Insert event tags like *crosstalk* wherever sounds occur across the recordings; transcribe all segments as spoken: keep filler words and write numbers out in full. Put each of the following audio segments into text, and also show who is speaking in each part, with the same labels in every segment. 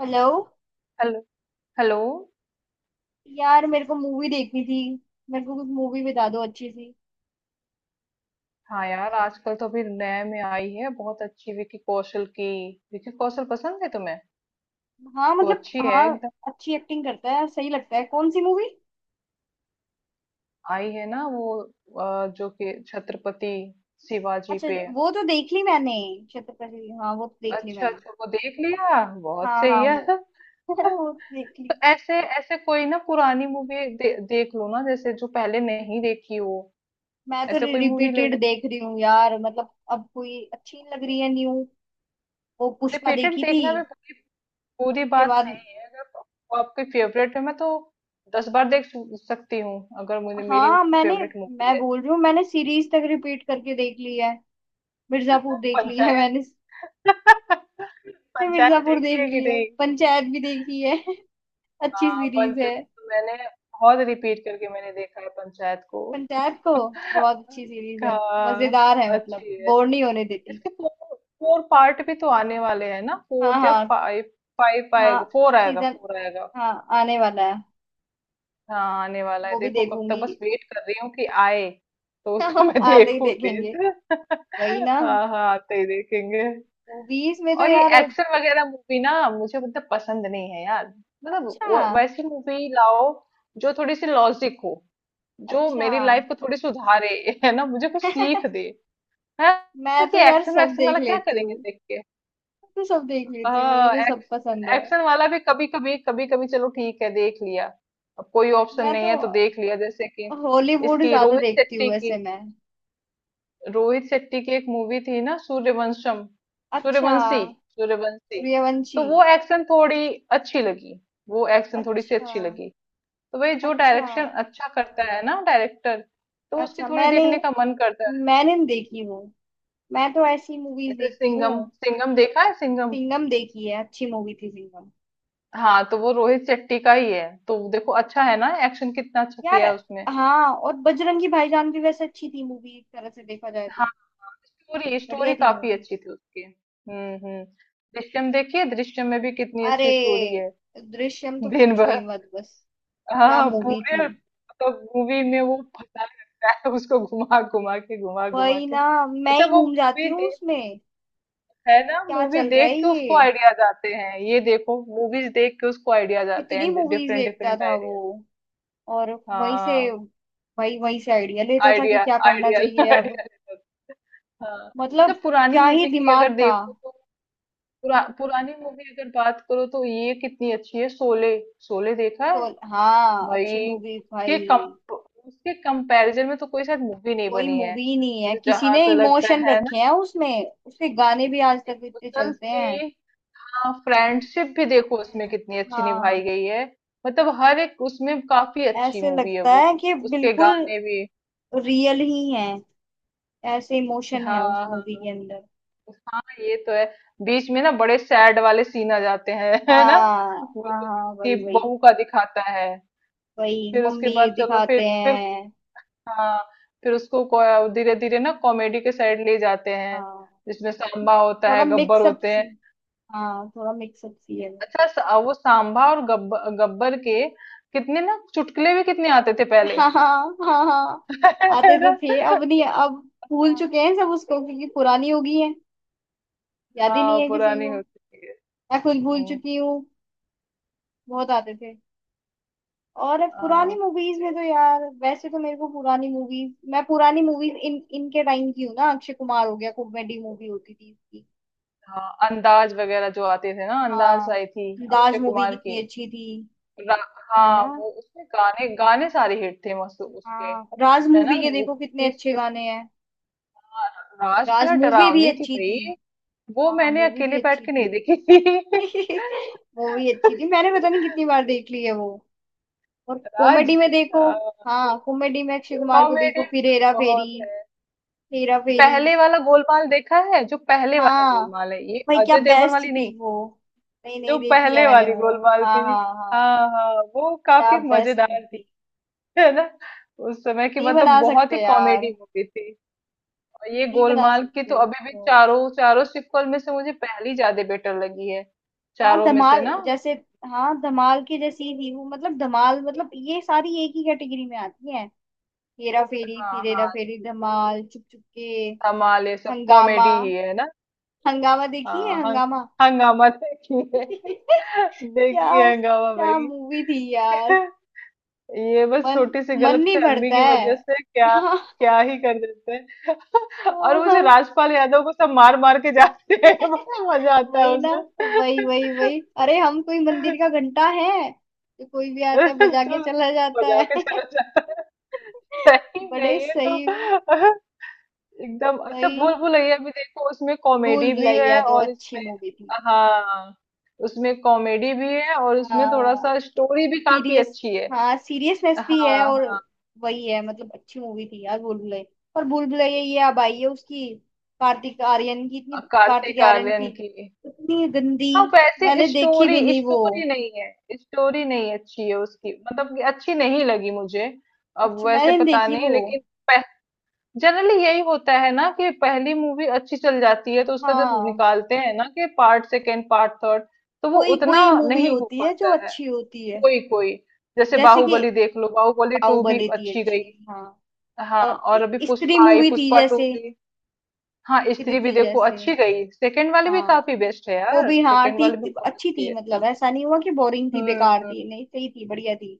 Speaker 1: Hello.
Speaker 2: Hello. Hello.
Speaker 1: यार मेरे को मूवी देखनी थी। मेरे को कुछ मूवी बता दो अच्छी सी।
Speaker 2: हाँ यार, आजकल तो अभी नए में आई है बहुत अच्छी, विकी कौशल की। विकी कौशल पसंद है तुम्हें?
Speaker 1: हाँ,
Speaker 2: तो
Speaker 1: मतलब
Speaker 2: अच्छी है
Speaker 1: हाँ।
Speaker 2: एकदम।
Speaker 1: अच्छी एक्टिंग करता है, सही लगता है। कौन सी मूवी?
Speaker 2: आई है ना वो, अ, जो कि छत्रपति शिवाजी
Speaker 1: अच्छा अच्छा,
Speaker 2: पे।
Speaker 1: वो तो देख ली मैंने। छत्रपति, हाँ वो तो देख ली
Speaker 2: अच्छा
Speaker 1: मैंने।
Speaker 2: अच्छा, वो देख लिया, बहुत
Speaker 1: हाँ हाँ,
Speaker 2: सही है।
Speaker 1: वो
Speaker 2: *laughs*
Speaker 1: *laughs* वो तो देख ली।
Speaker 2: तो ऐसे ऐसे कोई ना पुरानी मूवी दे, देख लो ना, जैसे जो पहले नहीं देखी हो।
Speaker 1: मैं तो
Speaker 2: ऐसे कोई मूवी ले
Speaker 1: रिपीटेड
Speaker 2: लो।
Speaker 1: देख रही हूँ यार, मतलब अब कोई अच्छी नहीं लग रही है न्यू। वो पुष्पा
Speaker 2: रिपीटेड
Speaker 1: देखी थी
Speaker 2: देखना भी पूरी
Speaker 1: के
Speaker 2: बात
Speaker 1: बाद।
Speaker 2: नहीं है, अगर वो आपकी फेवरेट है। मैं तो दस बार देख सु- सकती हूँ, अगर मुझे मेरी
Speaker 1: हाँ मैंने,
Speaker 2: फेवरेट मूवी
Speaker 1: मैं
Speaker 2: है तो।
Speaker 1: बोल रही हूँ, मैंने सीरीज तक रिपीट करके देख ली है। मिर्जापुर देख ली है, मैंने
Speaker 2: पंचायत। *laughs*
Speaker 1: ने
Speaker 2: पंचायत
Speaker 1: मिर्जापुर देख
Speaker 2: देखी है कि
Speaker 1: ली है,
Speaker 2: नहीं?
Speaker 1: पंचायत भी देखी है *laughs* अच्छी
Speaker 2: हाँ
Speaker 1: सीरीज
Speaker 2: पंचायत
Speaker 1: है।
Speaker 2: तो मैंने बहुत रिपीट करके मैंने देखा है, पंचायत को।
Speaker 1: पंचायत को बहुत अच्छी सीरीज
Speaker 2: *laughs*
Speaker 1: है,
Speaker 2: हाँ,
Speaker 1: मजेदार है, मतलब
Speaker 2: अच्छी है।
Speaker 1: बोर नहीं होने देती।
Speaker 2: इसके फोर फोर पार्ट भी तो आने वाले हैं ना,
Speaker 1: हाँ
Speaker 2: फोर्थ या
Speaker 1: हाँ
Speaker 2: फाइव? फाइव
Speaker 1: हाँ।
Speaker 2: आएगा, फोर आएगा,
Speaker 1: सीजन
Speaker 2: फोर आएगा।
Speaker 1: हाँ आने वाला है।
Speaker 2: हाँ आने वाला है,
Speaker 1: वो भी
Speaker 2: देखो कब तक,
Speaker 1: देखूंगी।
Speaker 2: बस वेट कर रही हूँ कि आए। तो उसको
Speaker 1: *laughs*
Speaker 2: मैं *laughs*
Speaker 1: आते ही
Speaker 2: देखूं
Speaker 1: देखेंगे।
Speaker 2: फिर।
Speaker 1: वही ना,
Speaker 2: *laughs* हाँ हाँ, आते ही देखेंगे।
Speaker 1: मूवीज में तो
Speaker 2: और ये
Speaker 1: यार।
Speaker 2: एक्शन वगैरह मूवी ना, मुझे मतलब पसंद नहीं है यार। मतलब
Speaker 1: अच्छा।
Speaker 2: वो- वैसी मूवी लाओ जो थोड़ी सी लॉजिक हो, जो
Speaker 1: अच्छा।
Speaker 2: मेरी लाइफ को थोड़ी सुधारे, *laughs* है ना, मुझे कुछ सीख दे
Speaker 1: *laughs*
Speaker 2: है।
Speaker 1: मैं
Speaker 2: कि
Speaker 1: तो यार
Speaker 2: एक्शन
Speaker 1: सब
Speaker 2: वैक्शन
Speaker 1: देख
Speaker 2: वाला क्या
Speaker 1: लेती
Speaker 2: करेंगे
Speaker 1: हूँ। मैं
Speaker 2: देख।
Speaker 1: तो सब देख लेती हूँ, मुझे
Speaker 2: हाँ
Speaker 1: तो सब पसंद है।
Speaker 2: एक्शन वाला भी कभी कभी कभी कभी चलो ठीक है देख लिया। अब कोई ऑप्शन
Speaker 1: मैं तो
Speaker 2: नहीं है तो देख लिया, जैसे कि
Speaker 1: हॉलीवुड
Speaker 2: इसकी
Speaker 1: ज्यादा
Speaker 2: रोहित
Speaker 1: देखती हूँ
Speaker 2: शेट्टी की।
Speaker 1: वैसे मैं।
Speaker 2: रोहित शेट्टी की एक मूवी थी ना, सूर्यवंशम,
Speaker 1: अच्छा।
Speaker 2: सूर्यवंशी, सूर्यवंशी। तो
Speaker 1: सूर्यवंशी।
Speaker 2: वो एक्शन थोड़ी अच्छी लगी, वो एक्शन थोड़ी सी
Speaker 1: अच्छा।
Speaker 2: अच्छी लगी। तो भाई जो
Speaker 1: अच्छा।
Speaker 2: डायरेक्शन अच्छा करता है ना डायरेक्टर, तो उसकी
Speaker 1: अच्छा,
Speaker 2: थोड़ी
Speaker 1: मैंने
Speaker 2: देखने का मन करता है।
Speaker 1: मैंने नहीं देखी वो। मैं तो ऐसी मूवीज
Speaker 2: जैसे
Speaker 1: देखती
Speaker 2: सिंघम,
Speaker 1: हूँ।
Speaker 2: सिंघम देखा है, सिंघम।
Speaker 1: सिंघम देखी है, अच्छी मूवी थी सिंघम।
Speaker 2: हाँ तो वो रोहित शेट्टी का ही है, तो देखो अच्छा है ना, एक्शन कितना अच्छा
Speaker 1: यार,
Speaker 2: किया है उसमें।
Speaker 1: हाँ, और बजरंगी भाईजान भी वैसे अच्छी थी मूवी, एक तरह से देखा जाए
Speaker 2: हाँ,
Speaker 1: तो।
Speaker 2: स्टोरी स्टोरी
Speaker 1: बढ़िया थी
Speaker 2: काफी
Speaker 1: मूवी।
Speaker 2: अच्छी थी उसकी। हम्म। हम्म। दृश्यम देखिए, दृश्यम में भी कितनी
Speaker 1: अरे,
Speaker 2: अच्छी स्टोरी है।
Speaker 1: दृश्यम तो
Speaker 2: दिन
Speaker 1: पूछो
Speaker 2: भर
Speaker 1: ही मत बस। क्या
Speaker 2: हाँ
Speaker 1: मूवी थी!
Speaker 2: पूरे मतलब मूवी में वो फंसा रहता है उसको, घुमा घुमा के घुमा घुमा
Speaker 1: वही
Speaker 2: के।
Speaker 1: ना, मैं
Speaker 2: अच्छा
Speaker 1: ही
Speaker 2: वो
Speaker 1: घूम जाती
Speaker 2: मूवी
Speaker 1: हूँ
Speaker 2: देख,
Speaker 1: उसमें।
Speaker 2: है ना,
Speaker 1: क्या
Speaker 2: मूवी
Speaker 1: चल रहा
Speaker 2: देख
Speaker 1: है
Speaker 2: के उसको
Speaker 1: ये,
Speaker 2: आइडियाज आते हैं। ये देखो, मूवीज देख के उसको आइडियाज आते
Speaker 1: कितनी
Speaker 2: हैं,
Speaker 1: मूवीज
Speaker 2: डिफरेंट
Speaker 1: देखता
Speaker 2: डिफरेंट
Speaker 1: था वो!
Speaker 2: आइडियाज।
Speaker 1: और वहीं से,
Speaker 2: हाँ।
Speaker 1: वही वहीं से आइडिया लेता था कि
Speaker 2: आइडिया
Speaker 1: क्या करना
Speaker 2: आइडिया
Speaker 1: चाहिए अब।
Speaker 2: आइडिया। *laughs* हाँ। अच्छा
Speaker 1: मतलब
Speaker 2: पुरानी
Speaker 1: क्या ही
Speaker 2: मूवी की
Speaker 1: दिमाग
Speaker 2: अगर
Speaker 1: था।
Speaker 2: देखो तो, पुरा, पुरानी मूवी अगर बात करो तो ये कितनी अच्छी है, शोले। शोले देखा है
Speaker 1: शोल हाँ, अच्छी
Speaker 2: भाई।
Speaker 1: मूवी
Speaker 2: उसके कम
Speaker 1: भाई।
Speaker 2: उसके कंपैरिजन में तो कोई शायद मूवी नहीं
Speaker 1: कोई
Speaker 2: बनी है।
Speaker 1: मूवी नहीं है,
Speaker 2: मुझे
Speaker 1: किसी
Speaker 2: जहां
Speaker 1: ने
Speaker 2: तो लगता
Speaker 1: इमोशन
Speaker 2: है ना
Speaker 1: रखे हैं उसमें, उसके गाने भी आज तक इतने
Speaker 2: इमोशंस
Speaker 1: चलते हैं।
Speaker 2: भी। हाँ, फ्रेंडशिप भी देखो उसमें कितनी अच्छी
Speaker 1: हाँ,
Speaker 2: निभाई गई है। मतलब हर एक, उसमें काफी अच्छी
Speaker 1: ऐसे
Speaker 2: मूवी है
Speaker 1: लगता
Speaker 2: वो।
Speaker 1: है कि
Speaker 2: उसके
Speaker 1: बिल्कुल
Speaker 2: गाने भी
Speaker 1: रियल ही है। ऐसे इमोशन है उस
Speaker 2: हाँ
Speaker 1: मूवी
Speaker 2: हाँ,
Speaker 1: के अंदर।
Speaker 2: ये तो है। बीच में ना बड़े सैड वाले सीन आ जाते हैं, *laughs* है ना।
Speaker 1: हाँ
Speaker 2: वो
Speaker 1: हाँ।
Speaker 2: जो
Speaker 1: हाँ,
Speaker 2: उसकी
Speaker 1: वही वही
Speaker 2: बहू का दिखाता है।
Speaker 1: वही
Speaker 2: फिर उसके
Speaker 1: मम्मी
Speaker 2: बाद चलो फिर
Speaker 1: दिखाते
Speaker 2: फिर
Speaker 1: हैं।
Speaker 2: हाँ फिर उसको, धीरे धीरे ना कॉमेडी के साइड ले जाते हैं,
Speaker 1: हाँ
Speaker 2: जिसमें सांबा होता
Speaker 1: थोड़ा
Speaker 2: है, गब्बर
Speaker 1: मिक्सअप
Speaker 2: होते हैं।
Speaker 1: सी, हाँ थोड़ा मिक्सअप सी है।
Speaker 2: अच्छा सा- वो सांबा और गब्बर गब्बर के कितने ना चुटकुले भी कितने आते थे पहले।
Speaker 1: हाँ हाँ हाँ हाँ।
Speaker 2: *laughs* है
Speaker 1: आते तो
Speaker 2: ना।
Speaker 1: थे, अब नहीं। अब भूल
Speaker 2: हाँ
Speaker 1: चुके हैं सब उसको, क्योंकि पुरानी हो गई है। याद ही नहीं
Speaker 2: हाँ,
Speaker 1: है किसी
Speaker 2: पुरानी
Speaker 1: को।
Speaker 2: होती है।
Speaker 1: मैं खुद भूल
Speaker 2: हम्म,
Speaker 1: चुकी हूँ। बहुत आते थे। और पुरानी
Speaker 2: हाँ
Speaker 1: मूवीज में तो यार, वैसे तो मेरे को पुरानी मूवीज, मैं पुरानी मूवीज इन इनके टाइम की हूँ ना। अक्षय कुमार हो गया, कॉमेडी मूवी होती थी इसकी।
Speaker 2: हाँ, अंदाज वगैरह जो आते थे ना, अंदाज
Speaker 1: हाँ,
Speaker 2: आई थी
Speaker 1: दाज
Speaker 2: अक्षय
Speaker 1: मूवी
Speaker 2: कुमार की।
Speaker 1: कितनी अच्छी थी।
Speaker 2: रा-
Speaker 1: है
Speaker 2: हाँ
Speaker 1: ना!
Speaker 2: वो उसके गाने गाने सारे हिट थे, मस्त उसके।
Speaker 1: हाँ, राज
Speaker 2: है ना
Speaker 1: मूवी के
Speaker 2: वो
Speaker 1: देखो
Speaker 2: वो
Speaker 1: कितने
Speaker 2: भी
Speaker 1: अच्छे
Speaker 2: तो
Speaker 1: गाने हैं।
Speaker 2: था, राज थे,
Speaker 1: राज
Speaker 2: और
Speaker 1: मूवी भी
Speaker 2: डरावनी थी
Speaker 1: अच्छी
Speaker 2: भाई।
Speaker 1: थी।
Speaker 2: वो
Speaker 1: हाँ,
Speaker 2: मैंने
Speaker 1: मूवी भी
Speaker 2: अकेले बैठ
Speaker 1: अच्छी
Speaker 2: के नहीं
Speaker 1: थी,
Speaker 2: देखी थी।
Speaker 1: मूवी अच्छी थी, मैंने पता नहीं कितनी
Speaker 2: *laughs*
Speaker 1: बार देख ली है वो। और कॉमेडी
Speaker 2: राज।
Speaker 1: में देखो, हाँ कॉमेडी में अक्षय कुमार को
Speaker 2: कॉमेडी
Speaker 1: देखो, फिर हेरा
Speaker 2: तो
Speaker 1: फेरी।
Speaker 2: बहुत है।
Speaker 1: हेरा फेरी।
Speaker 2: पहले वाला गोलमाल देखा है? जो पहले वाला
Speaker 1: हाँ
Speaker 2: गोलमाल है, ये
Speaker 1: भाई, क्या
Speaker 2: अजय देवगन
Speaker 1: बेस्ट
Speaker 2: वाली
Speaker 1: थी
Speaker 2: नहीं,
Speaker 1: वो! नहीं, नहीं
Speaker 2: जो
Speaker 1: देखी है
Speaker 2: पहले
Speaker 1: मैंने
Speaker 2: वाली
Speaker 1: वो।
Speaker 2: गोलमाल
Speaker 1: हाँ
Speaker 2: थी।
Speaker 1: हाँ हाँ।
Speaker 2: हाँ हाँ, वो
Speaker 1: क्या
Speaker 2: काफी
Speaker 1: बेस्ट
Speaker 2: मजेदार थी,
Speaker 1: मूवी!
Speaker 2: है ना। उस समय की
Speaker 1: नहीं
Speaker 2: मतलब
Speaker 1: बना
Speaker 2: बहुत ही
Speaker 1: सकते यार,
Speaker 2: कॉमेडी मूवी थी। और ये
Speaker 1: नहीं बना
Speaker 2: गोलमाल की
Speaker 1: सकते
Speaker 2: तो अभी भी
Speaker 1: उसको।
Speaker 2: चारों चारों सीक्वल में से मुझे पहली ज्यादा बेटर लगी है,
Speaker 1: हाँ
Speaker 2: चारों में से
Speaker 1: धमाल
Speaker 2: ना।
Speaker 1: जैसे, हाँ धमाल की जैसी ही थी वो। मतलब धमाल, मतलब ये सारी एक ही कैटेगरी में आती है। हेरा फेरी,
Speaker 2: हाँ
Speaker 1: फिर हेरा
Speaker 2: हाँ,
Speaker 1: फेरी, धमाल, चुप चुप के,
Speaker 2: धमाल ये सब
Speaker 1: हंगामा।
Speaker 2: कॉमेडी ही है ना।
Speaker 1: हंगामा देखी है,
Speaker 2: हाँ हंग,
Speaker 1: हंगामा
Speaker 2: हंगामा देखी है, *laughs*
Speaker 1: *laughs* क्या,
Speaker 2: देखी है हंगामा
Speaker 1: क्या
Speaker 2: भाई।
Speaker 1: मूवी थी यार!
Speaker 2: *laughs* ये बस
Speaker 1: मन
Speaker 2: छोटी सी
Speaker 1: मन नहीं
Speaker 2: गलतफहमी
Speaker 1: भरता
Speaker 2: की
Speaker 1: है।
Speaker 2: वजह से क्या
Speaker 1: हाँ
Speaker 2: क्या ही कर देते हैं। *laughs* और
Speaker 1: हाँ
Speaker 2: मुझे
Speaker 1: हाँ।
Speaker 2: राजपाल यादव को सब मार मार के जाते हैं, *laughs* बड़ा
Speaker 1: *laughs*
Speaker 2: मजा आता है
Speaker 1: वही ना।
Speaker 2: उसमें।
Speaker 1: वही वही वही, अरे हम कोई मंदिर का घंटा है तो कोई भी आता है
Speaker 2: *laughs*
Speaker 1: बजा
Speaker 2: जो
Speaker 1: के चला जाता
Speaker 2: बजा
Speaker 1: है।
Speaker 2: के चला,
Speaker 1: *laughs*
Speaker 2: सही में
Speaker 1: बड़े
Speaker 2: ये तो
Speaker 1: सही।
Speaker 2: एकदम अच्छा। भूल
Speaker 1: वही।
Speaker 2: भुलैया भी देखो, उसमें
Speaker 1: भूल
Speaker 2: कॉमेडी भी
Speaker 1: भुलैया
Speaker 2: है
Speaker 1: तो
Speaker 2: और
Speaker 1: अच्छी
Speaker 2: इसमें
Speaker 1: मूवी थी।
Speaker 2: हाँ, उसमें कॉमेडी भी है और उसमें थोड़ा
Speaker 1: हाँ,
Speaker 2: सा स्टोरी भी काफी
Speaker 1: सीरियस,
Speaker 2: अच्छी है।
Speaker 1: हाँ सीरियसनेस भी है।
Speaker 2: हाँ
Speaker 1: और
Speaker 2: हाँ।
Speaker 1: वही है, मतलब अच्छी मूवी थी यार भूलभुलैया। पर भूलभुलैया, ये अब आई है उसकी, कार्तिक आर्यन की, इतनी कार्तिक
Speaker 2: कार्तिक
Speaker 1: आर्यन की
Speaker 2: आर्यन की
Speaker 1: इतनी गंदी।
Speaker 2: हाँ वैसे
Speaker 1: मैंने देखी भी
Speaker 2: स्टोरी
Speaker 1: नहीं वो।
Speaker 2: स्टोरी नहीं है, स्टोरी नहीं अच्छी है उसकी, मतलब कि अच्छी नहीं लगी मुझे, अब
Speaker 1: अच्छा,
Speaker 2: वैसे
Speaker 1: मैंने नहीं
Speaker 2: पता
Speaker 1: देखी वो।
Speaker 2: नहीं लेकिन। जनरली यही होता है ना कि पहली मूवी अच्छी चल जाती है तो उसका जब
Speaker 1: हाँ।
Speaker 2: निकालते हैं ना कि पार्ट सेकेंड, पार्ट थर्ड, तो वो
Speaker 1: कोई
Speaker 2: उतना
Speaker 1: कोई मूवी
Speaker 2: नहीं हो
Speaker 1: होती है जो
Speaker 2: पाता है।
Speaker 1: अच्छी होती है।
Speaker 2: कोई कोई, जैसे
Speaker 1: जैसे कि
Speaker 2: बाहुबली देख लो, बाहुबली टू भी
Speaker 1: बाहुबली थी
Speaker 2: अच्छी
Speaker 1: अच्छी।
Speaker 2: गई।
Speaker 1: हाँ,
Speaker 2: हाँ,
Speaker 1: और
Speaker 2: और अभी
Speaker 1: इ- स्त्री
Speaker 2: पुष्पा आई,
Speaker 1: मूवी थी
Speaker 2: पुष्पा टू
Speaker 1: जैसे,
Speaker 2: भी। हाँ,
Speaker 1: स्त्री
Speaker 2: स्त्री भी
Speaker 1: थी
Speaker 2: देखो
Speaker 1: जैसे।
Speaker 2: अच्छी गई, सेकेंड वाली भी
Speaker 1: हाँ,
Speaker 2: काफी बेस्ट है
Speaker 1: वो
Speaker 2: यार,
Speaker 1: भी हाँ
Speaker 2: सेकेंड वाली
Speaker 1: ठीक
Speaker 2: भी
Speaker 1: थी,
Speaker 2: बहुत
Speaker 1: अच्छी
Speaker 2: अच्छी
Speaker 1: थी।
Speaker 2: है।
Speaker 1: मतलब ऐसा नहीं हुआ कि बोरिंग थी,
Speaker 2: हम्म।
Speaker 1: बेकार
Speaker 2: हम्म।
Speaker 1: थी, नहीं, सही थी, बढ़िया थी।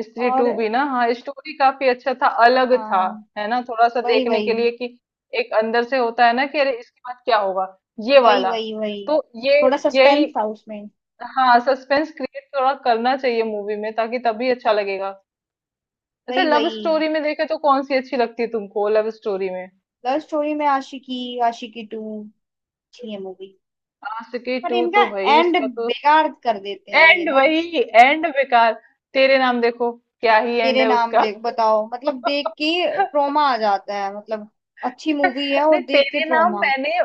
Speaker 2: स्त्री
Speaker 1: और
Speaker 2: टू भी ना हाँ, स्टोरी काफी अच्छा था, अलग था,
Speaker 1: हाँ,
Speaker 2: है ना। थोड़ा सा
Speaker 1: वही
Speaker 2: देखने के
Speaker 1: वही
Speaker 2: लिए कि, एक अंदर से होता है ना कि अरे इसके बाद क्या होगा ये
Speaker 1: वही
Speaker 2: वाला।
Speaker 1: वही वही।
Speaker 2: तो ये
Speaker 1: थोड़ा
Speaker 2: यही,
Speaker 1: सस्पेंस था उसमें।
Speaker 2: हाँ सस्पेंस क्रिएट थोड़ा करना चाहिए मूवी में, ताकि तभी अच्छा लगेगा। अच्छा
Speaker 1: वही
Speaker 2: लव
Speaker 1: वही।
Speaker 2: स्टोरी में देखे तो कौन सी अच्छी लगती है तुमको, लव स्टोरी में?
Speaker 1: लव स्टोरी में आशिकी, आशिकी टू अच्छी है मूवी।
Speaker 2: आशिकी
Speaker 1: पर
Speaker 2: टू
Speaker 1: इनका
Speaker 2: तो भाई
Speaker 1: एंड
Speaker 2: इसका तो
Speaker 1: बेकार कर देते हैं ये
Speaker 2: एंड,
Speaker 1: ना।
Speaker 2: वही एंड बेकार। तेरे नाम देखो, क्या ही एंड
Speaker 1: तेरे
Speaker 2: है
Speaker 1: नाम
Speaker 2: उसका।
Speaker 1: देख बताओ, मतलब देख के
Speaker 2: *laughs*
Speaker 1: ट्रोमा आ जाता है, मतलब अच्छी मूवी है और
Speaker 2: नहीं
Speaker 1: देख के
Speaker 2: तेरे नाम
Speaker 1: ट्रोमा।
Speaker 2: मैंने,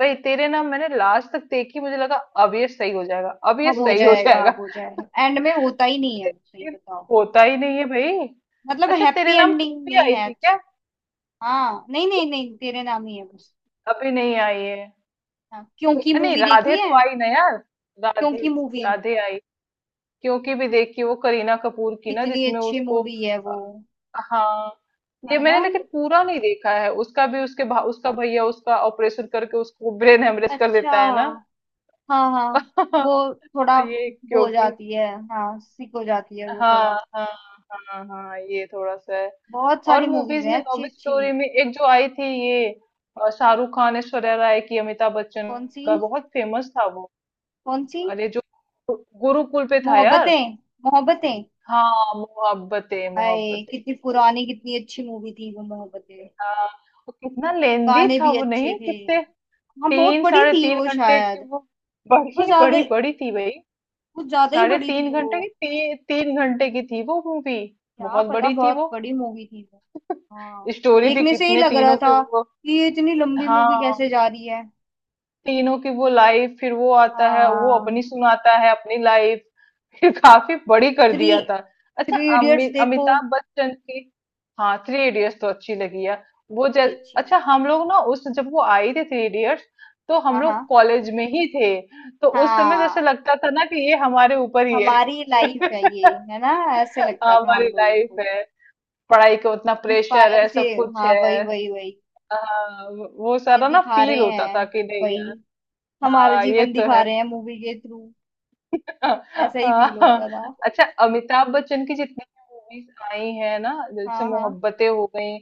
Speaker 2: भाई तेरे ना मैंने लास्ट तक देखी, मुझे लगा अब ये सही हो जाएगा, अब ये
Speaker 1: अब हो
Speaker 2: सही हो
Speaker 1: जाएगा,
Speaker 2: जाएगा।
Speaker 1: अब हो जाएगा, एंड में
Speaker 2: *laughs*
Speaker 1: होता ही नहीं है वो, सही
Speaker 2: लेकिन
Speaker 1: बताओ।
Speaker 2: होता ही नहीं है भाई।
Speaker 1: मतलब
Speaker 2: अच्छा
Speaker 1: happy
Speaker 2: Tere Naam two
Speaker 1: ending
Speaker 2: भी
Speaker 1: नहीं
Speaker 2: आई
Speaker 1: है
Speaker 2: थी
Speaker 1: अच्छी।
Speaker 2: क्या?
Speaker 1: हाँ, नहीं नहीं नहीं, तेरे नाम ही है बस।
Speaker 2: अभी नहीं आई है।
Speaker 1: हाँ, क्योंकि
Speaker 2: अ, नहीं,
Speaker 1: मूवी देखी
Speaker 2: राधे
Speaker 1: है,
Speaker 2: तो आई ना यार, राधे,
Speaker 1: क्योंकि मूवी
Speaker 2: राधे आई। क्योंकि भी देखी वो करीना कपूर की ना,
Speaker 1: कितनी
Speaker 2: जिसमें
Speaker 1: अच्छी
Speaker 2: उसको
Speaker 1: मूवी है वो।
Speaker 2: अ, हाँ ये
Speaker 1: है ना!
Speaker 2: मैंने लेकिन पूरा नहीं देखा है उसका भी, उसके भा, उसका भैया उसका ऑपरेशन करके उसको ब्रेन हेमरेज कर
Speaker 1: अच्छा।
Speaker 2: देता है ना।
Speaker 1: हाँ हाँ, वो
Speaker 2: *laughs*
Speaker 1: थोड़ा
Speaker 2: ये
Speaker 1: वो हो
Speaker 2: क्योंकि
Speaker 1: जाती है। हाँ, सिक हो जाती है वो
Speaker 2: हाँ
Speaker 1: थोड़ा।
Speaker 2: हाँ हाँ हाँ, ये थोड़ा सा है।
Speaker 1: बहुत
Speaker 2: और
Speaker 1: सारी मूवीज
Speaker 2: मूवीज
Speaker 1: हैं
Speaker 2: में लव
Speaker 1: अच्छी अच्छी।
Speaker 2: स्टोरी में एक जो आई थी ये, अ, शाहरुख खान, ऐश्वर्या राय की, अमिताभ बच्चन
Speaker 1: कौन सी?
Speaker 2: का, बहुत फेमस था वो,
Speaker 1: कौन सी?
Speaker 2: अरे जो गुरुकुल पे था यार।
Speaker 1: मोहब्बतें। मोहब्बतें!
Speaker 2: हाँ मोहब्बतें,
Speaker 1: हाय,
Speaker 2: मोहब्बतें।
Speaker 1: कितनी पुरानी, कितनी अच्छी मूवी थी वो मोहब्बतें।
Speaker 2: हाँ वो कितना लेंदी
Speaker 1: गाने
Speaker 2: था
Speaker 1: भी
Speaker 2: वो,
Speaker 1: अच्छे
Speaker 2: नहीं
Speaker 1: थे।
Speaker 2: कितने,
Speaker 1: हाँ, बहुत
Speaker 2: तीन
Speaker 1: बड़ी
Speaker 2: साढ़े
Speaker 1: थी वो
Speaker 2: तीन घंटे की
Speaker 1: शायद।
Speaker 2: वो,
Speaker 1: वो
Speaker 2: बड़ी
Speaker 1: ज्यादा
Speaker 2: बड़ी बड़ी थी भाई।
Speaker 1: वो ज्यादा ही
Speaker 2: साढ़े
Speaker 1: बड़ी थी
Speaker 2: तीन
Speaker 1: वो।
Speaker 2: घंटे की ती, तीन घंटे की थी वो मूवी।
Speaker 1: क्या
Speaker 2: बहुत
Speaker 1: पता,
Speaker 2: बड़ी थी
Speaker 1: बहुत
Speaker 2: वो।
Speaker 1: बड़ी मूवी थी वो। हाँ,
Speaker 2: स्टोरी भी
Speaker 1: देखने से ही
Speaker 2: कितने
Speaker 1: लग रहा
Speaker 2: तीनों के
Speaker 1: था
Speaker 2: वो,
Speaker 1: कि ये इतनी लंबी मूवी कैसे
Speaker 2: हाँ,
Speaker 1: जा रही है।
Speaker 2: तीनों की वो लाइफ, फिर वो आता है वो
Speaker 1: हाँ,
Speaker 2: अपनी सुनाता है अपनी लाइफ, फिर *laughs* काफी बड़ी कर
Speaker 1: थ्री
Speaker 2: दिया था। अच्छा
Speaker 1: थ्री इडियट्स
Speaker 2: अमि,
Speaker 1: देखो,
Speaker 2: अमिताभ बच्चन की। हाँ थ्री इडियट्स तो अच्छी लगी यार। वो जै,
Speaker 1: कितनी अच्छी
Speaker 2: अच्छा
Speaker 1: मूवी।
Speaker 2: हम लोग ना उस जब वो आई थी थ्री इडियट्स, तो हम
Speaker 1: हाँ
Speaker 2: लोग
Speaker 1: हाँ।
Speaker 2: कॉलेज में ही थे। तो उस समय जैसे
Speaker 1: हाँ,
Speaker 2: लगता था ना कि ये हमारे ऊपर ही है,
Speaker 1: हमारी लाइफ है ये,
Speaker 2: *laughs*
Speaker 1: है ना। ऐसे लगता था
Speaker 2: हमारी
Speaker 1: हम लोगों
Speaker 2: लाइफ
Speaker 1: को।
Speaker 2: है। पढ़ाई का उतना प्रेशर
Speaker 1: इंस्पायर
Speaker 2: है,
Speaker 1: से,
Speaker 2: सब कुछ
Speaker 1: हाँ वही
Speaker 2: है।
Speaker 1: वही वही।
Speaker 2: हाँ, वो
Speaker 1: ये
Speaker 2: सारा ना
Speaker 1: दिखा
Speaker 2: फील
Speaker 1: रहे
Speaker 2: होता था
Speaker 1: हैं,
Speaker 2: कि नहीं।
Speaker 1: वही, हमारा
Speaker 2: हाँ ये
Speaker 1: जीवन
Speaker 2: तो
Speaker 1: दिखा
Speaker 2: है।
Speaker 1: रहे हैं मूवी के थ्रू।
Speaker 2: *laughs*
Speaker 1: ऐसा ही फील
Speaker 2: हाँ।
Speaker 1: होता था।
Speaker 2: अच्छा अमिताभ बच्चन की जितनी भी मूवीज आई है ना, जैसे
Speaker 1: हाँ हाँ
Speaker 2: मोहब्बतें हो गई,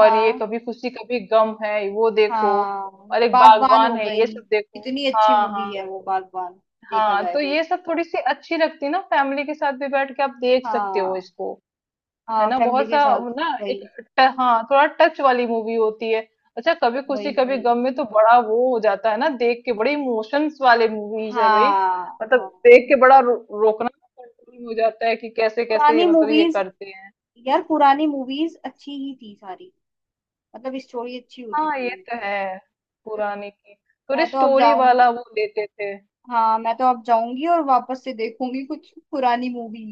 Speaker 2: और ये
Speaker 1: हाँ
Speaker 2: कभी खुशी कभी गम है वो देखो,
Speaker 1: हाँ।
Speaker 2: और एक
Speaker 1: बागवान हो
Speaker 2: बागवान है, ये
Speaker 1: गई।
Speaker 2: सब देखो।
Speaker 1: कितनी अच्छी
Speaker 2: हाँ
Speaker 1: मूवी
Speaker 2: हाँ
Speaker 1: है वो बागवान, देखा
Speaker 2: हाँ।
Speaker 1: जाए
Speaker 2: तो
Speaker 1: तो।
Speaker 2: ये सब थोड़ी सी अच्छी लगती है ना, फैमिली के साथ भी बैठ के आप देख सकते हो
Speaker 1: हाँ,
Speaker 2: इसको। है
Speaker 1: हाँ
Speaker 2: ना
Speaker 1: फैमिली
Speaker 2: बहुत
Speaker 1: के
Speaker 2: सा
Speaker 1: साथ।
Speaker 2: ना एक
Speaker 1: वही
Speaker 2: ट- हाँ थोड़ा टच वाली मूवी होती है। अच्छा कभी खुशी
Speaker 1: वही
Speaker 2: कभी
Speaker 1: वही।
Speaker 2: गम में तो बड़ा वो हो जाता है ना देख के, बड़े इमोशंस वाले मूवीज है भाई।
Speaker 1: हाँ
Speaker 2: मतलब देख
Speaker 1: हाँ।
Speaker 2: के बड़ा रो, रोकना कंट्रोल हो जाता है कि कैसे कैसे ये
Speaker 1: पुरानी
Speaker 2: मतलब ये
Speaker 1: मूवीज
Speaker 2: करते हैं।
Speaker 1: यार, पुरानी मूवीज अच्छी ही थी सारी। मतलब स्टोरी अच्छी होती
Speaker 2: हाँ
Speaker 1: थी
Speaker 2: ये
Speaker 1: उनकी।
Speaker 2: तो है। पुराने की थोड़ी
Speaker 1: मैं तो अब
Speaker 2: स्टोरी वाला
Speaker 1: जाऊंगी,
Speaker 2: वो लेते थे।
Speaker 1: हाँ मैं तो अब जाऊंगी और वापस से देखूंगी कुछ पुरानी मूवी।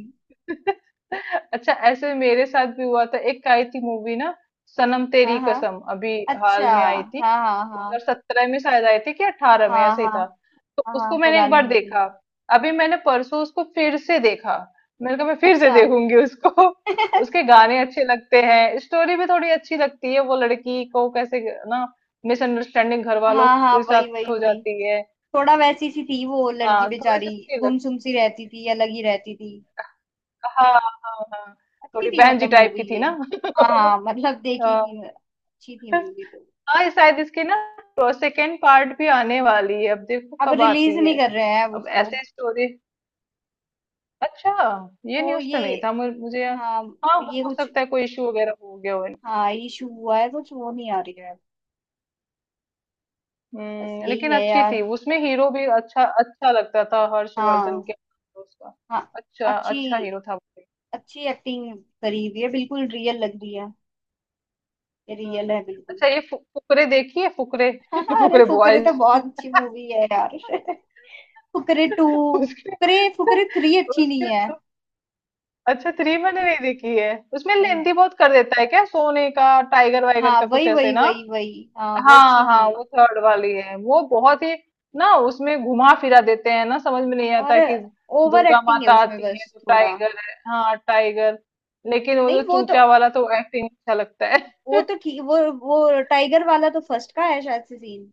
Speaker 2: *laughs* अच्छा ऐसे मेरे साथ भी हुआ था, एक आई थी मूवी ना, सनम
Speaker 1: हाँ
Speaker 2: तेरी
Speaker 1: हाँ।
Speaker 2: कसम अभी
Speaker 1: अच्छा।
Speaker 2: हाल में आई थी।
Speaker 1: हाँ हाँ हाँ।
Speaker 2: दो हज़ार सत्रह में शायद आई थी कि अठारह में,
Speaker 1: हाँ
Speaker 2: ऐसे ही
Speaker 1: हाँ
Speaker 2: था। तो
Speaker 1: हाँ हाँ।
Speaker 2: उसको मैंने एक
Speaker 1: पुरानी
Speaker 2: बार
Speaker 1: मूवी
Speaker 2: देखा,
Speaker 1: है।
Speaker 2: अभी मैंने परसों उसको फिर से देखा। मैंने कहा मैं फिर से
Speaker 1: अच्छा।
Speaker 2: देखूंगी उसको। *laughs* उसके
Speaker 1: *laughs*
Speaker 2: गाने अच्छे लगते हैं, स्टोरी भी थोड़ी अच्छी लगती है, वो लड़की को कैसे ना मिसअंडरस्टैंडिंग घर वालों
Speaker 1: हाँ हाँ,
Speaker 2: के
Speaker 1: वही
Speaker 2: साथ
Speaker 1: वही
Speaker 2: हो
Speaker 1: वही।
Speaker 2: जाती है।
Speaker 1: थोड़ा वैसी सी थी वो लड़की
Speaker 2: हाँ थोड़ी
Speaker 1: बेचारी,
Speaker 2: सी अच्छी
Speaker 1: गुमसुम सी
Speaker 2: लगती
Speaker 1: रहती
Speaker 2: है।
Speaker 1: थी, अलग ही रहती थी।
Speaker 2: हाँ हाँ हाँ,
Speaker 1: अच्छी
Speaker 2: थोड़ी
Speaker 1: थी,
Speaker 2: बहन जी
Speaker 1: मतलब
Speaker 2: टाइप
Speaker 1: मूवी
Speaker 2: की थी
Speaker 1: ये।
Speaker 2: ना।
Speaker 1: हाँ हाँ, मतलब
Speaker 2: *laughs*
Speaker 1: देखी
Speaker 2: हाँ
Speaker 1: थी मैं। अच्छी थी मूवी तो।
Speaker 2: हाँ ये शायद इसके ना सेकेंड पार्ट भी आने वाली है, अब देखो
Speaker 1: अब
Speaker 2: कब
Speaker 1: रिलीज
Speaker 2: आती
Speaker 1: नहीं
Speaker 2: है।
Speaker 1: कर रहे हैं अब
Speaker 2: अब
Speaker 1: उसको।
Speaker 2: ऐसे स्टोरी, अच्छा ये
Speaker 1: वो
Speaker 2: न्यूज़ तो
Speaker 1: ये,
Speaker 2: नहीं था मुझे मुझे यार।
Speaker 1: हाँ,
Speaker 2: हाँ
Speaker 1: ये
Speaker 2: हो
Speaker 1: कुछ,
Speaker 2: सकता है कोई इशू वगैरह हो गया हो।
Speaker 1: हाँ, इशू हुआ है कुछ, वो नहीं आ रही है। बस
Speaker 2: हम्म,
Speaker 1: यही
Speaker 2: लेकिन
Speaker 1: है
Speaker 2: अच्छी थी,
Speaker 1: यार।
Speaker 2: उसमें हीरो भी अच्छा, अच्छा लगता था हर्षवर्धन
Speaker 1: हाँ।
Speaker 2: के। उसका
Speaker 1: हाँ,
Speaker 2: अच्छा
Speaker 1: अच्छी,
Speaker 2: अच्छा हीरो था वो।
Speaker 1: अच्छी एक्टिंग करी हुई है, बिल्कुल रियल लग रही है। रियल है
Speaker 2: हम्म,
Speaker 1: बिल्कुल।
Speaker 2: अच्छा ये फु, फुकरे देखी है, फुकरे,
Speaker 1: *laughs*
Speaker 2: *laughs*
Speaker 1: हाँ, अरे
Speaker 2: फुकरे
Speaker 1: फुकरे
Speaker 2: बॉयज।
Speaker 1: तो बहुत अच्छी मूवी है यार *laughs* फुकरे टू,
Speaker 2: *laughs* उसके
Speaker 1: फुकरे, फुकरे थ्री अच्छी
Speaker 2: उसके
Speaker 1: नहीं है।
Speaker 2: अच्छा थ्री मैंने नहीं देखी है, उसमें
Speaker 1: नहीं।
Speaker 2: लेंथी बहुत कर देता है, क्या सोने का टाइगर वाइगर
Speaker 1: हाँ
Speaker 2: का कुछ
Speaker 1: वही
Speaker 2: ऐसे
Speaker 1: वही
Speaker 2: ना।
Speaker 1: वही वही, हाँ वो अच्छी
Speaker 2: हाँ
Speaker 1: नहीं
Speaker 2: हाँ
Speaker 1: है।
Speaker 2: वो थर्ड वाली है वो बहुत ही ना, उसमें घुमा फिरा देते हैं ना, समझ में नहीं
Speaker 1: और
Speaker 2: आता कि
Speaker 1: ओवर
Speaker 2: दुर्गा
Speaker 1: एक्टिंग है
Speaker 2: माता
Speaker 1: उसमें
Speaker 2: आती
Speaker 1: बस
Speaker 2: है तो
Speaker 1: थोड़ा।
Speaker 2: टाइगर है, हाँ टाइगर। लेकिन वो
Speaker 1: नहीं,
Speaker 2: जो
Speaker 1: वो तो,
Speaker 2: चूचा वाला तो एक्टिंग अच्छा लगता है।
Speaker 1: वो
Speaker 2: *laughs*
Speaker 1: तो ठीक वो वो टाइगर वाला तो फर्स्ट का है शायद से, सीन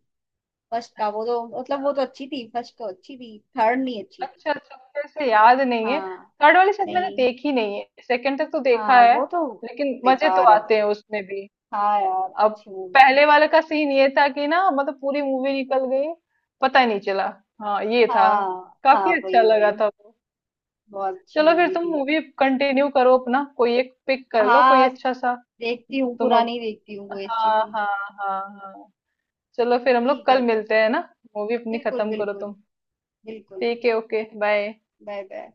Speaker 1: फर्स्ट का। वो तो मतलब वो तो अच्छी थी, फर्स्ट तो अच्छी थी, थर्ड नहीं अच्छी थी।
Speaker 2: अच्छा अच्छा, मुझे ऐसे याद नहीं है,
Speaker 1: हाँ,
Speaker 2: थर्ड वाली शायद मैंने
Speaker 1: नहीं,
Speaker 2: देखी नहीं है, सेकंड तक तो देखा
Speaker 1: हाँ
Speaker 2: है।
Speaker 1: वो तो
Speaker 2: लेकिन मजे तो
Speaker 1: बेकार है
Speaker 2: आते
Speaker 1: बस।
Speaker 2: हैं उसमें भी।
Speaker 1: हाँ यार,
Speaker 2: अब
Speaker 1: अच्छी मूवी
Speaker 2: पहले
Speaker 1: थी।
Speaker 2: वाले का सीन ये था कि ना, मतलब पूरी मूवी निकल गई, पता ही नहीं चला, हाँ ये था,
Speaker 1: हाँ हाँ,
Speaker 2: काफी अच्छा
Speaker 1: वही
Speaker 2: लगा
Speaker 1: वही,
Speaker 2: था वो।
Speaker 1: बहुत अच्छी
Speaker 2: चलो फिर
Speaker 1: मूवी
Speaker 2: तुम
Speaker 1: थी।
Speaker 2: मूवी कंटिन्यू करो, अपना कोई एक पिक कर लो कोई
Speaker 1: हाँ,
Speaker 2: अच्छा सा।
Speaker 1: देखती हूँ,
Speaker 2: तुम
Speaker 1: पुरानी
Speaker 2: अब
Speaker 1: देखती हूँ कोई अच्छी
Speaker 2: हाँ
Speaker 1: सी।
Speaker 2: हाँ हाँ हाँ, चलो फिर हम लोग
Speaker 1: ठीक
Speaker 2: कल
Speaker 1: है तो।
Speaker 2: मिलते हैं ना, मूवी अपनी
Speaker 1: बिल्कुल
Speaker 2: खत्म करो
Speaker 1: बिल्कुल
Speaker 2: तुम।
Speaker 1: बिल्कुल।
Speaker 2: ठीक है, ओके, बाय।
Speaker 1: Bye bye.